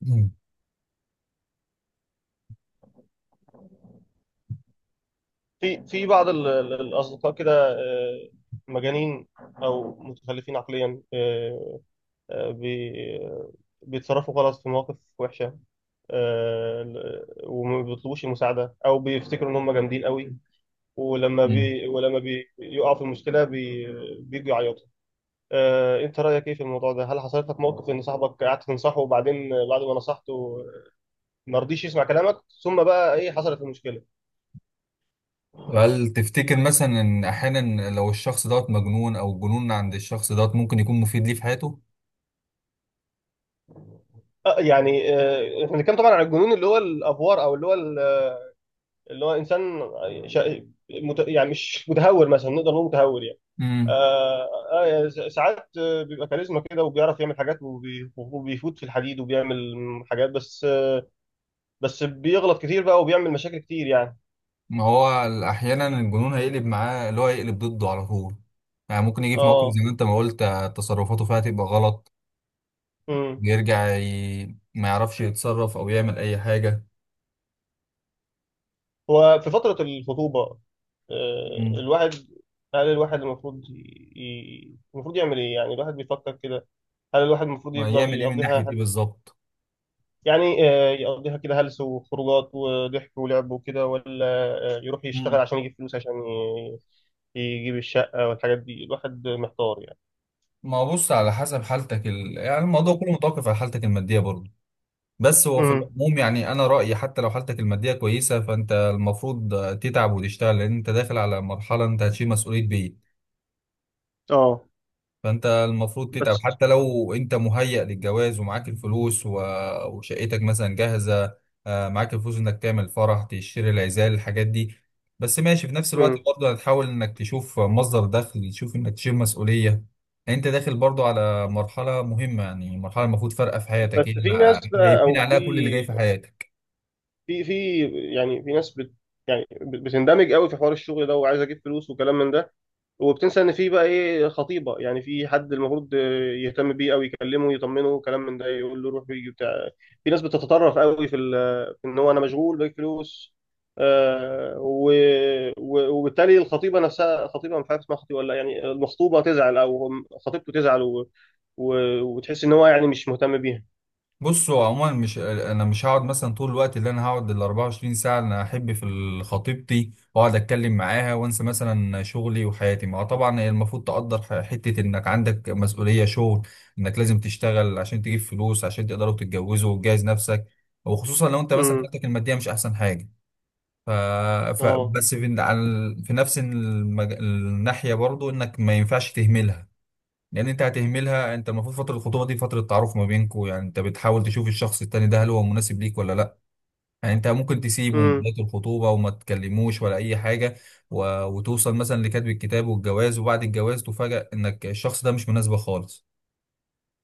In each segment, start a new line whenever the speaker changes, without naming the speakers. مم.
في بعض الأصدقاء كده، مجانين أو متخلفين عقليا، آه، بي- آه، بيتصرفوا غلط في مواقف وحشة، وما بيطلبوش المساعدة أو بيفتكروا إن هم جامدين قوي.
مم.
ولما بيقعوا في المشكلة، بيجوا يعيطوا. أنت رأيك إيه في الموضوع ده؟ هل حصلت لك موقف إن صاحبك قعدت تنصحه وبعدين بعد ما نصحته ما رضيش يسمع كلامك، ثم بقى إيه حصلت المشكلة؟
هل تفتكر مثلا ان احيانا لو الشخص دوت مجنون او الجنون عند الشخص دوت ممكن يكون مفيد ليه في حياته؟
يعني، احنا بنتكلم طبعا عن الجنون اللي هو الافوار، او اللي هو انسان يعني مش متهور، مثلا نقدر نقول متهور يعني.
امم
آه يعني ساعات، بيبقى كاريزما كده، وبيعرف يعمل حاجات، وبيفوت في الحديد، وبيعمل حاجات بس، بس بيغلط كتير بقى وبيعمل مشاكل كتير يعني.
ما هو احيانا الجنون هيقلب معاه اللي هو هيقلب ضده على طول. يعني ممكن يجي في موقف
اه.
زي ما انت ما قلت، تصرفاته فيها تبقى غلط.
امم
يرجع ي... ما يعرفش يتصرف او يعمل اي حاجة.
هو في فترة الخطوبة،
امم
الواحد، هل الواحد المفروض المفروض يعمل ايه؟ يعني الواحد بيفكر كده. هل الواحد المفروض
ما
يفضل
يعمل ايه من ناحية ايه
يقضيها،
بالظبط؟
يعني، يقضيها كده هلس وخروجات وضحك ولعب وكده، ولا، يروح
امم
يشتغل عشان يجيب فلوس عشان يجيب الشقة والحاجات دي؟ الواحد محتار يعني.
ما هو بص على حسب حالتك يعني الموضوع كله متوقف على حالتك المادية برضه. بس هو في
امم.
العموم يعني انا رايي حتى لو حالتك الماديه كويسه فانت المفروض تتعب وتشتغل لان انت داخل على مرحله انت هتشيل مسؤوليه بيت.
اه.
فانت المفروض تتعب
بس.
حتى لو انت مهيأ للجواز ومعاك الفلوس وشقتك مثلا جاهزه. معاك الفلوس انك تعمل فرح تشتري العزال الحاجات دي. بس ماشي في نفس الوقت
امم.
برضه هتحاول انك تشوف مصدر دخل، تشوف انك تشيل مسؤوليه. يعني انت داخل برضه على مرحله مهمه، يعني مرحله المفروض فارقه في حياتك، هي
بس في ناس
اللي
بقى،
هيبني
او في
عليها كل اللي جاي في حياتك.
في في يعني في ناس يعني بتندمج قوي في حوار الشغل ده، وعايز اجيب فلوس وكلام من ده، وبتنسى ان في بقى ايه خطيبه. يعني في حد المفروض يهتم بيه او يكلمه يطمنه، كلام من ده، يقول له روح ويجي بتاع. في ناس بتتطرف قوي في ان هو انا مشغول باقي فلوس، آه و... وبالتالي الخطيبه نفسها، خطيبه مش عارف اسمها خطيبه ولا لأ، يعني المخطوبه تزعل، او خطيبته تزعل و... وتحس ان هو يعني مش مهتم بيها.
بصوا عموما، مش انا مش هقعد مثلا طول الوقت اللي انا هقعد ال 24 ساعه اللي انا احب في خطيبتي واقعد اتكلم معاها وانسى مثلا شغلي وحياتي. ما هو طبعا هي المفروض تقدر حته انك عندك مسؤوليه شغل. انك لازم تشتغل عشان تجيب فلوس عشان تقدروا تتجوزوا وتجهز نفسك، وخصوصا لو انت مثلا
امم.
حالتك الماديه مش احسن حاجه. ف...
اه.
بس في، في نفس الناحيه برضو انك ما ينفعش تهملها. لان انت هتهملها. انت المفروض فتره الخطوبه دي فتره تعارف ما بينكم. يعني انت بتحاول تشوف الشخص التاني ده هل هو مناسب ليك ولا لا. يعني انت ممكن تسيبه من
امم.
بدايه الخطوبه وما تكلموش ولا اي حاجه، وتوصل مثلا لكتب الكتاب والجواز، وبعد الجواز تفاجأ انك الشخص ده مش مناسبه خالص.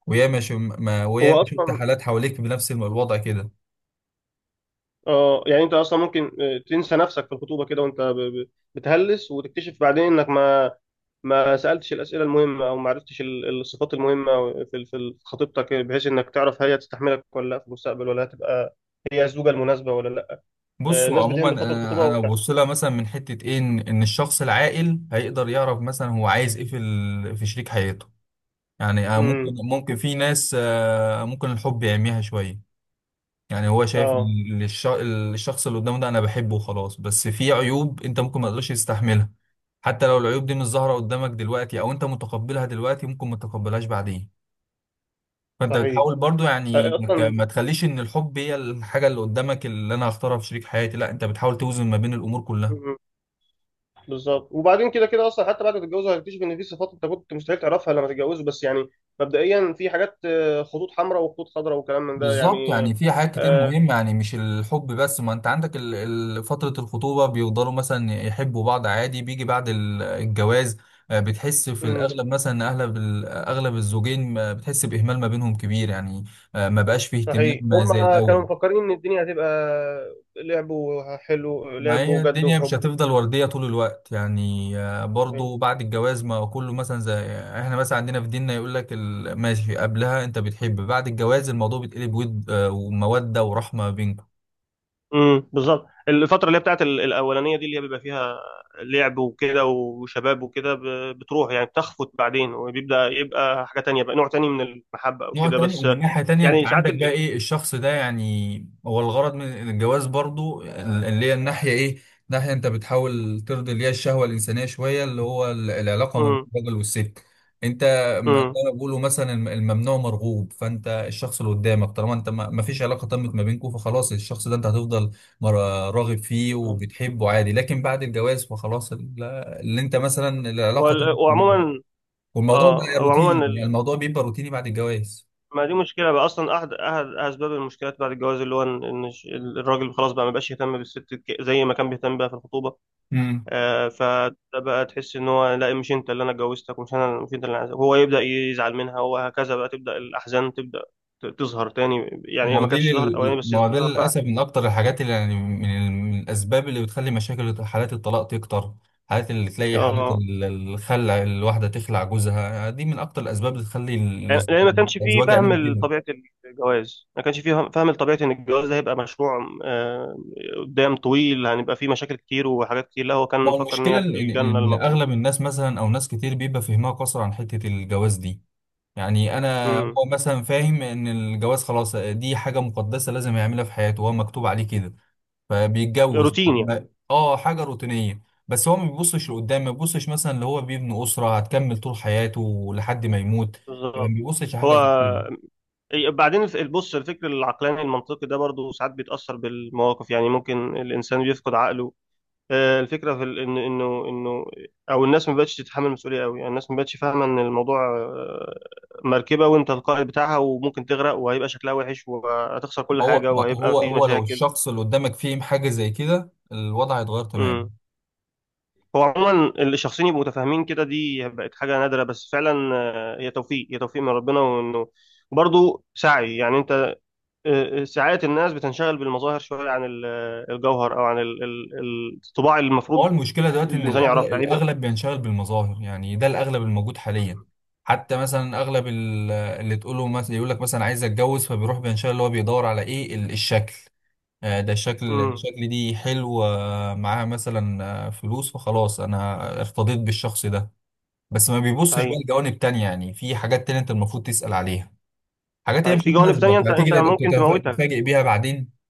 وياما ش... ما... وياما
هو
شفت
اصلا،
حالات حواليك بنفس الوضع كده.
اه يعني انت اصلا ممكن، تنسى نفسك في الخطوبه كده، وانت بتهلس وتكتشف بعدين انك ما سألتش الأسئلة المهمة، أو ما عرفتش الصفات المهمة في خطيبتك، بحيث إنك تعرف هي تستحملك ولا لا في المستقبل، ولا هتبقى هي الزوجة المناسبة ولا لا.
بصوا
الناس
عموما
بتهمل فترة الخطوبة
انا
وبتاع.
ببص لها مثلا من حته ايه. إن الشخص العاقل هيقدر يعرف مثلا هو عايز ايه في في شريك حياته. يعني، ممكن
امم.
ممكن في ناس، ممكن الحب يعميها شوية. يعني هو شايف
اه.
الشخص اللي قدامه ده انا بحبه وخلاص. بس في عيوب انت ممكن ما تقدرش تستحملها. حتى لو العيوب دي مش ظاهرة قدامك دلوقتي او انت متقبلها دلوقتي ممكن ما تتقبلهاش بعدين. فانت
صحيح.
بتحاول برضو يعني
،
انك ما
أصلا.
تخليش ان الحب هي الحاجة اللي قدامك اللي انا هختارها في شريك حياتي. لا، انت بتحاول توزن ما بين الامور كلها.
مم، بالظبط. وبعدين كده كده أصلا حتى بعد ما تتجوزوا هتكتشف إن في صفات أنت كنت مستحيل تعرفها لما تتجوزوا، بس يعني مبدئيا في حاجات، خطوط حمراء وخطوط خضراء، وكلام من ده
بالظبط.
يعني.
يعني في حاجات كتير مهمة، يعني مش الحب بس. ما انت عندك فترة الخطوبة بيفضلوا مثلا يحبوا بعض عادي، بيجي بعد الجواز. بتحس في
آه،
الأغلب مثلا إن أغلب أغلب الزوجين، بتحس بإهمال ما بينهم كبير يعني. ما بقاش فيه
صحيح،
اهتمام زي
هم كانوا
الأول.
مفكرين ان الدنيا هتبقى لعب، حلو،
ما
لعب
هي
وجد
الدنيا مش
وحب.
هتفضل وردية طول الوقت. يعني،
فاهم؟
برضو بعد الجواز ما كله مثلا زي احنا مثلا عندنا في ديننا يقول لك ماشي، قبلها انت بتحب، بعد الجواز الموضوع بيتقلب ود، ومودة ورحمة بينكم.
امم، بالظبط. الفتره اللي هي بتاعت الاولانيه دي، اللي هي بيبقى فيها لعب وكده وشباب وكده، بتروح يعني، بتخفت بعدين، وبيبدا يبقى حاجه تانية بقى، نوع تاني من المحبه او
نوع
كده
تاني.
بس.
ومن ناحية تانية انت
يعني ساعات
عندك بقى ايه الشخص ده. يعني هو الغرض من الجواز برضو اللي هي الناحية ايه، ناحية انت بتحاول ترضي اللي هي الشهوة الإنسانية شوية، اللي هو العلاقة ما بين
امم.
الراجل والست. انت، زي
امم.
ما بيقولوا مثلا الممنوع مرغوب. فانت الشخص اللي قدامك، طالما انت ما فيش علاقة تمت ما بينكم، فخلاص الشخص ده انت هتفضل مر- راغب فيه وبتحبه عادي. لكن بعد الجواز فخلاص اللي انت مثلا العلاقة تمت ما بينكم
وعموما
والموضوع
اه
بقى روتيني.
وعموما،
يعني الموضوع بيبقى روتيني بعد الجواز.
ما دي مشكلة بقى أصلا، أحد أسباب المشكلات بعد الجواز، اللي هو إن الراجل خلاص بقى ما بقاش يهتم بالست زي ما كان بيهتم بقى في الخطوبة.
امم
فده بقى تحس إن هو لا، مش أنت اللي أنا اتجوزتك، ومش أنا، مش أنت اللي أنا عايزك. هو يبدأ يزعل منها، وهكذا بقى تبدأ الأحزان، تبدأ تظهر تاني، يعني هي ما كانتش ظهرت أولاني بس
ما هو ده
تظهر بقى.
للاسف من اكتر الحاجات اللي يعني من الاسباب اللي بتخلي مشاكل حالات الطلاق تكتر. حالات اللي تلاقي حالات
آه
الخلع، الواحده تخلع جوزها دي، من اكتر الاسباب اللي تخلي
لأن ما كانش فيه
الازواج
فهم
يعملوا كده.
لطبيعة الجواز، ما كانش فيه فهم لطبيعة إن الجواز ده هيبقى مشروع، قدام طويل، هنبقى فيه مشاكل كتير وحاجات كتير. لا، هو كان
ما هو
مفكر إن
المشكله
هي
ان ان
الجنة
إن
الموجودة.
اغلب الناس مثلا او ناس كتير بيبقى فهمها قصر عن حته الجواز دي. يعني انا
امم.
هو مثلا فاهم ان الجواز خلاص دي حاجه مقدسه لازم يعملها في حياته وهو مكتوب عليه كده، فبيتجوز
روتين يعني.
حاجه روتينيه. بس هو ما بيبصش لقدام، ما بيبصش مثلا اللي هو بيبني اسره هتكمل طول حياته لحد ما يموت. يعني ما
بالظبط.
بيبصش
هو
لحاجه زي كده.
بعدين بص، الفكر العقلاني المنطقي ده برضه ساعات بيتأثر بالمواقف، يعني ممكن الإنسان بيفقد عقله. الفكرة إن إنه إنه أو الناس ما بقتش تتحمل المسؤولية قوي، يعني الناس ما بقتش فاهمة إن الموضوع، مركبة وأنت القائد بتاعها، وممكن تغرق، وهيبقى شكلها وحش، وهتخسر كل
ما هو
حاجة،
ما
وهيبقى
هو
في
هو لو
مشاكل.
الشخص اللي قدامك فيه حاجه زي كده الوضع هيتغير تماما.
هو عموما اللي شخصين يبقوا متفاهمين كده، دي بقت حاجة نادرة بس، فعلا. ، هي توفيق، هي توفيق من ربنا، وانه برضه سعي يعني، انت، ساعات الناس بتنشغل بالمظاهر شوية عن الجوهر، او عن الطباع اللي
هو
المفروض
المشكله دلوقتي ان
الانسان
الاغلب
يعرفها هيبقى.
الاغلب بينشغل بالمظاهر. يعني ده الاغلب الموجود حاليا. حتى مثلا اغلب اللي تقوله مثلا، يقول لك مثلا عايز اتجوز، فبيروح بينشغل اللي هو بيدور على ايه الشكل. ده الشكل
امم.
الشكل دي حلو، معاها مثلا، فلوس، فخلاص انا ارتضيت بالشخص ده. بس ما بيبصش بقى
صحيح.
لجوانب تانية. يعني في حاجات تانية انت المفروض تسأل عليها، حاجات هي مش
صحيح. في جوانب تانية
هتناسبك،
انت
هتيجي
انت ممكن تموتك.
تتفاجئ بيها بعدين.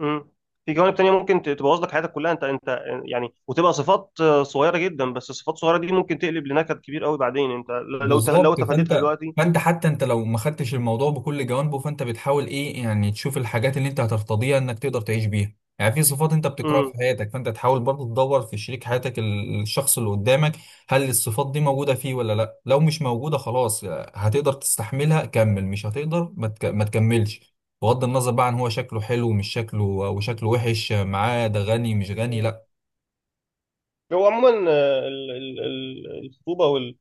امم. في جوانب تانية ممكن تبوظ لك حياتك كلها، انت انت، يعني، وتبقى صفات، صغيرة جدا، بس الصفات الصغيرة دي ممكن تقلب لنكد كبير قوي بعدين، انت لو
بالظبط.
تفاديتها
فانت
دلوقتي.
فانت حتى انت لو ما خدتش الموضوع بكل جوانبه، فانت بتحاول ايه يعني تشوف الحاجات اللي انت هترتضيها انك تقدر تعيش بيها. يعني في صفات انت بتكرهها
امم.
في حياتك، فانت تحاول برضه تدور في شريك حياتك الشخص اللي قدامك هل الصفات دي موجودة فيه ولا لا. لو مش موجودة خلاص هتقدر تستحملها كمل، مش هتقدر ما تكملش. بغض النظر بقى عن هو شكله حلو مش شكله، وشكله وحش معاه، ده غني مش غني، لا.
هو عموما، الخطوبه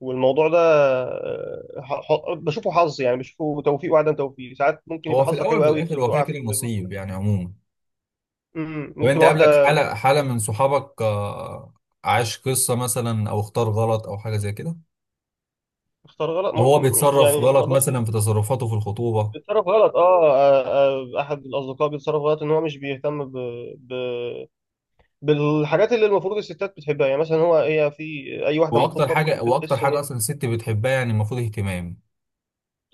والموضوع ده، بشوفه حظ، يعني بشوفه توفيق وعدم توفيق. ساعات ممكن
هو
يبقى
في
حظك
الاول
حلو
وفي
قوي،
الاخر هو كده
تقع في،
كده نصيب يعني عموما.
مم،
طب
ممكن
انت
تبقى
قابلك
واحده
حالة من
كويسه.
صحابك، عاش قصة مثلا او اختار غلط او حاجة زي كده،
اختار غلط،
او
مم،
هو بيتصرف
يعني ما
غلط
اقدرش.
مثلا في تصرفاته في الخطوبة؟
بيتصرف غلط. احد الاصدقاء بيتصرف غلط ان هو مش بيهتم ب... بالحاجات اللي المفروض الستات بتحبها، يعني مثلا، هو هي في اي واحده
واكتر
مخطوبه
حاجة
بتحب
واكتر
تحس ان
حاجة
هي
اصلا الست بتحبها، يعني المفروض اهتمام.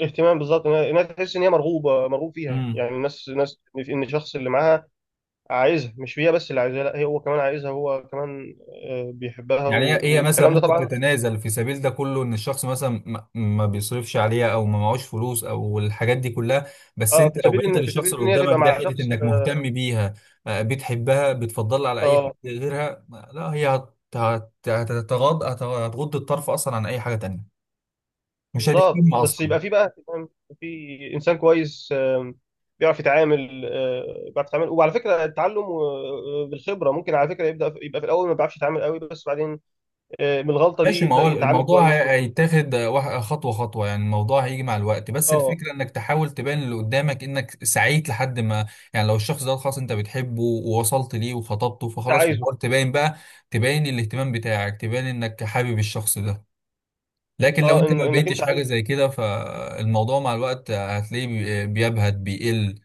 اهتمام، بالظبط. إنها تحس ان هي مرغوبه، مرغوب فيها، يعني الناس ناس ان الشخص اللي معاها عايزها، مش هي بس اللي عايزها، لا، هي هو كمان عايزها، هو كمان، بيحبها
يعني هي هي مثلا
والكلام ده
ممكن
طبعا.
تتنازل في سبيل ده كله، ان الشخص مثلا ما بيصرفش عليها او ما معهوش فلوس او الحاجات دي كلها. بس
اه،
انت لو بينت
في
للشخص
سبيل
اللي
ان هي تبقى
قدامك ده
مع
حته
شخص.
انك مهتم بيها، بتحبها، بتفضلها على اي حاجه
اه،
غيرها، لا، هي هتتغاض هتغض الطرف اصلا عن اي حاجه تانيه. مش
بالظبط.
هتهتم
بس
اصلا.
يبقى في بقى، فاهم؟ في انسان كويس، بيعرف يتعامل، بيعرف يتعامل، وعلى فكره التعلم، بالخبره. ممكن على فكره يبدا يبقى في الاول ما بيعرفش يتعامل قوي، بس بعدين، من الغلطه دي
ماشي. ما
يبدا
هو
يتعامل
الموضوع
كويس
هيتاخد خطوة خطوة. يعني الموضوع هيجي مع الوقت، بس
اه،
الفكرة انك تحاول تبان اللي قدامك انك سعيت لحد ما. يعني لو الشخص ده خلاص انت بتحبه ووصلت ليه وخطبته،
انت
فخلاص
عايزه.
تحاول تبان بقى. تبان الاهتمام بتاعك، تبان انك حابب الشخص ده. لكن لو
اه،
انت ما
انك انت
بقيتش حاجة
عايزه.
زي كده فالموضوع مع الوقت هتلاقيه بيبهت بيقل.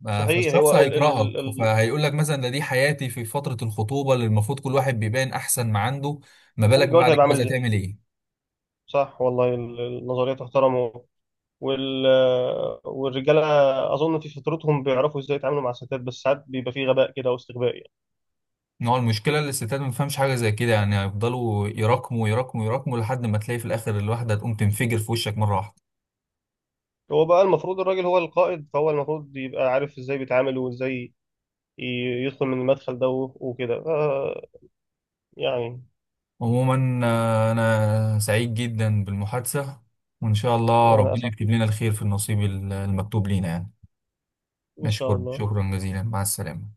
صحيح.
فالشخص
هو ال ال
هيكرهك،
ال
فهيقول لك مثلا ده دي حياتي في فترة الخطوبة اللي المفروض كل واحد بيبان احسن ما عنده، ما بالك
الجواز
بعد
هيبقى عامل
الجواز
ازاي؟
هتعمل ايه؟
صح والله. النظريه تحترم وال... والرجاله اظن في فطرتهم بيعرفوا ازاي يتعاملوا مع الستات، بس ساعات بيبقى في غباء كده واستغباء يعني.
ان هو المشكلة اللي الستات ما بتفهمش حاجة زي كده. يعني هيفضلوا يراكموا يراكموا يراكموا لحد ما تلاقي في الآخر الواحدة تقوم تنفجر في وشك مرة واحدة.
هو بقى المفروض الراجل هو القائد، فهو المفروض يبقى عارف ازاي بيتعامل، وازاي ي- يدخل من المدخل ده وكده، يعني.
عموما، أنا سعيد جدا بالمحادثة، وإن شاء الله
وانا
ربنا
اسعد،
يكتب لنا الخير في النصيب المكتوب لينا يعني.
ان شاء
أشكر
الله.
شكرا جزيلا، مع السلامة.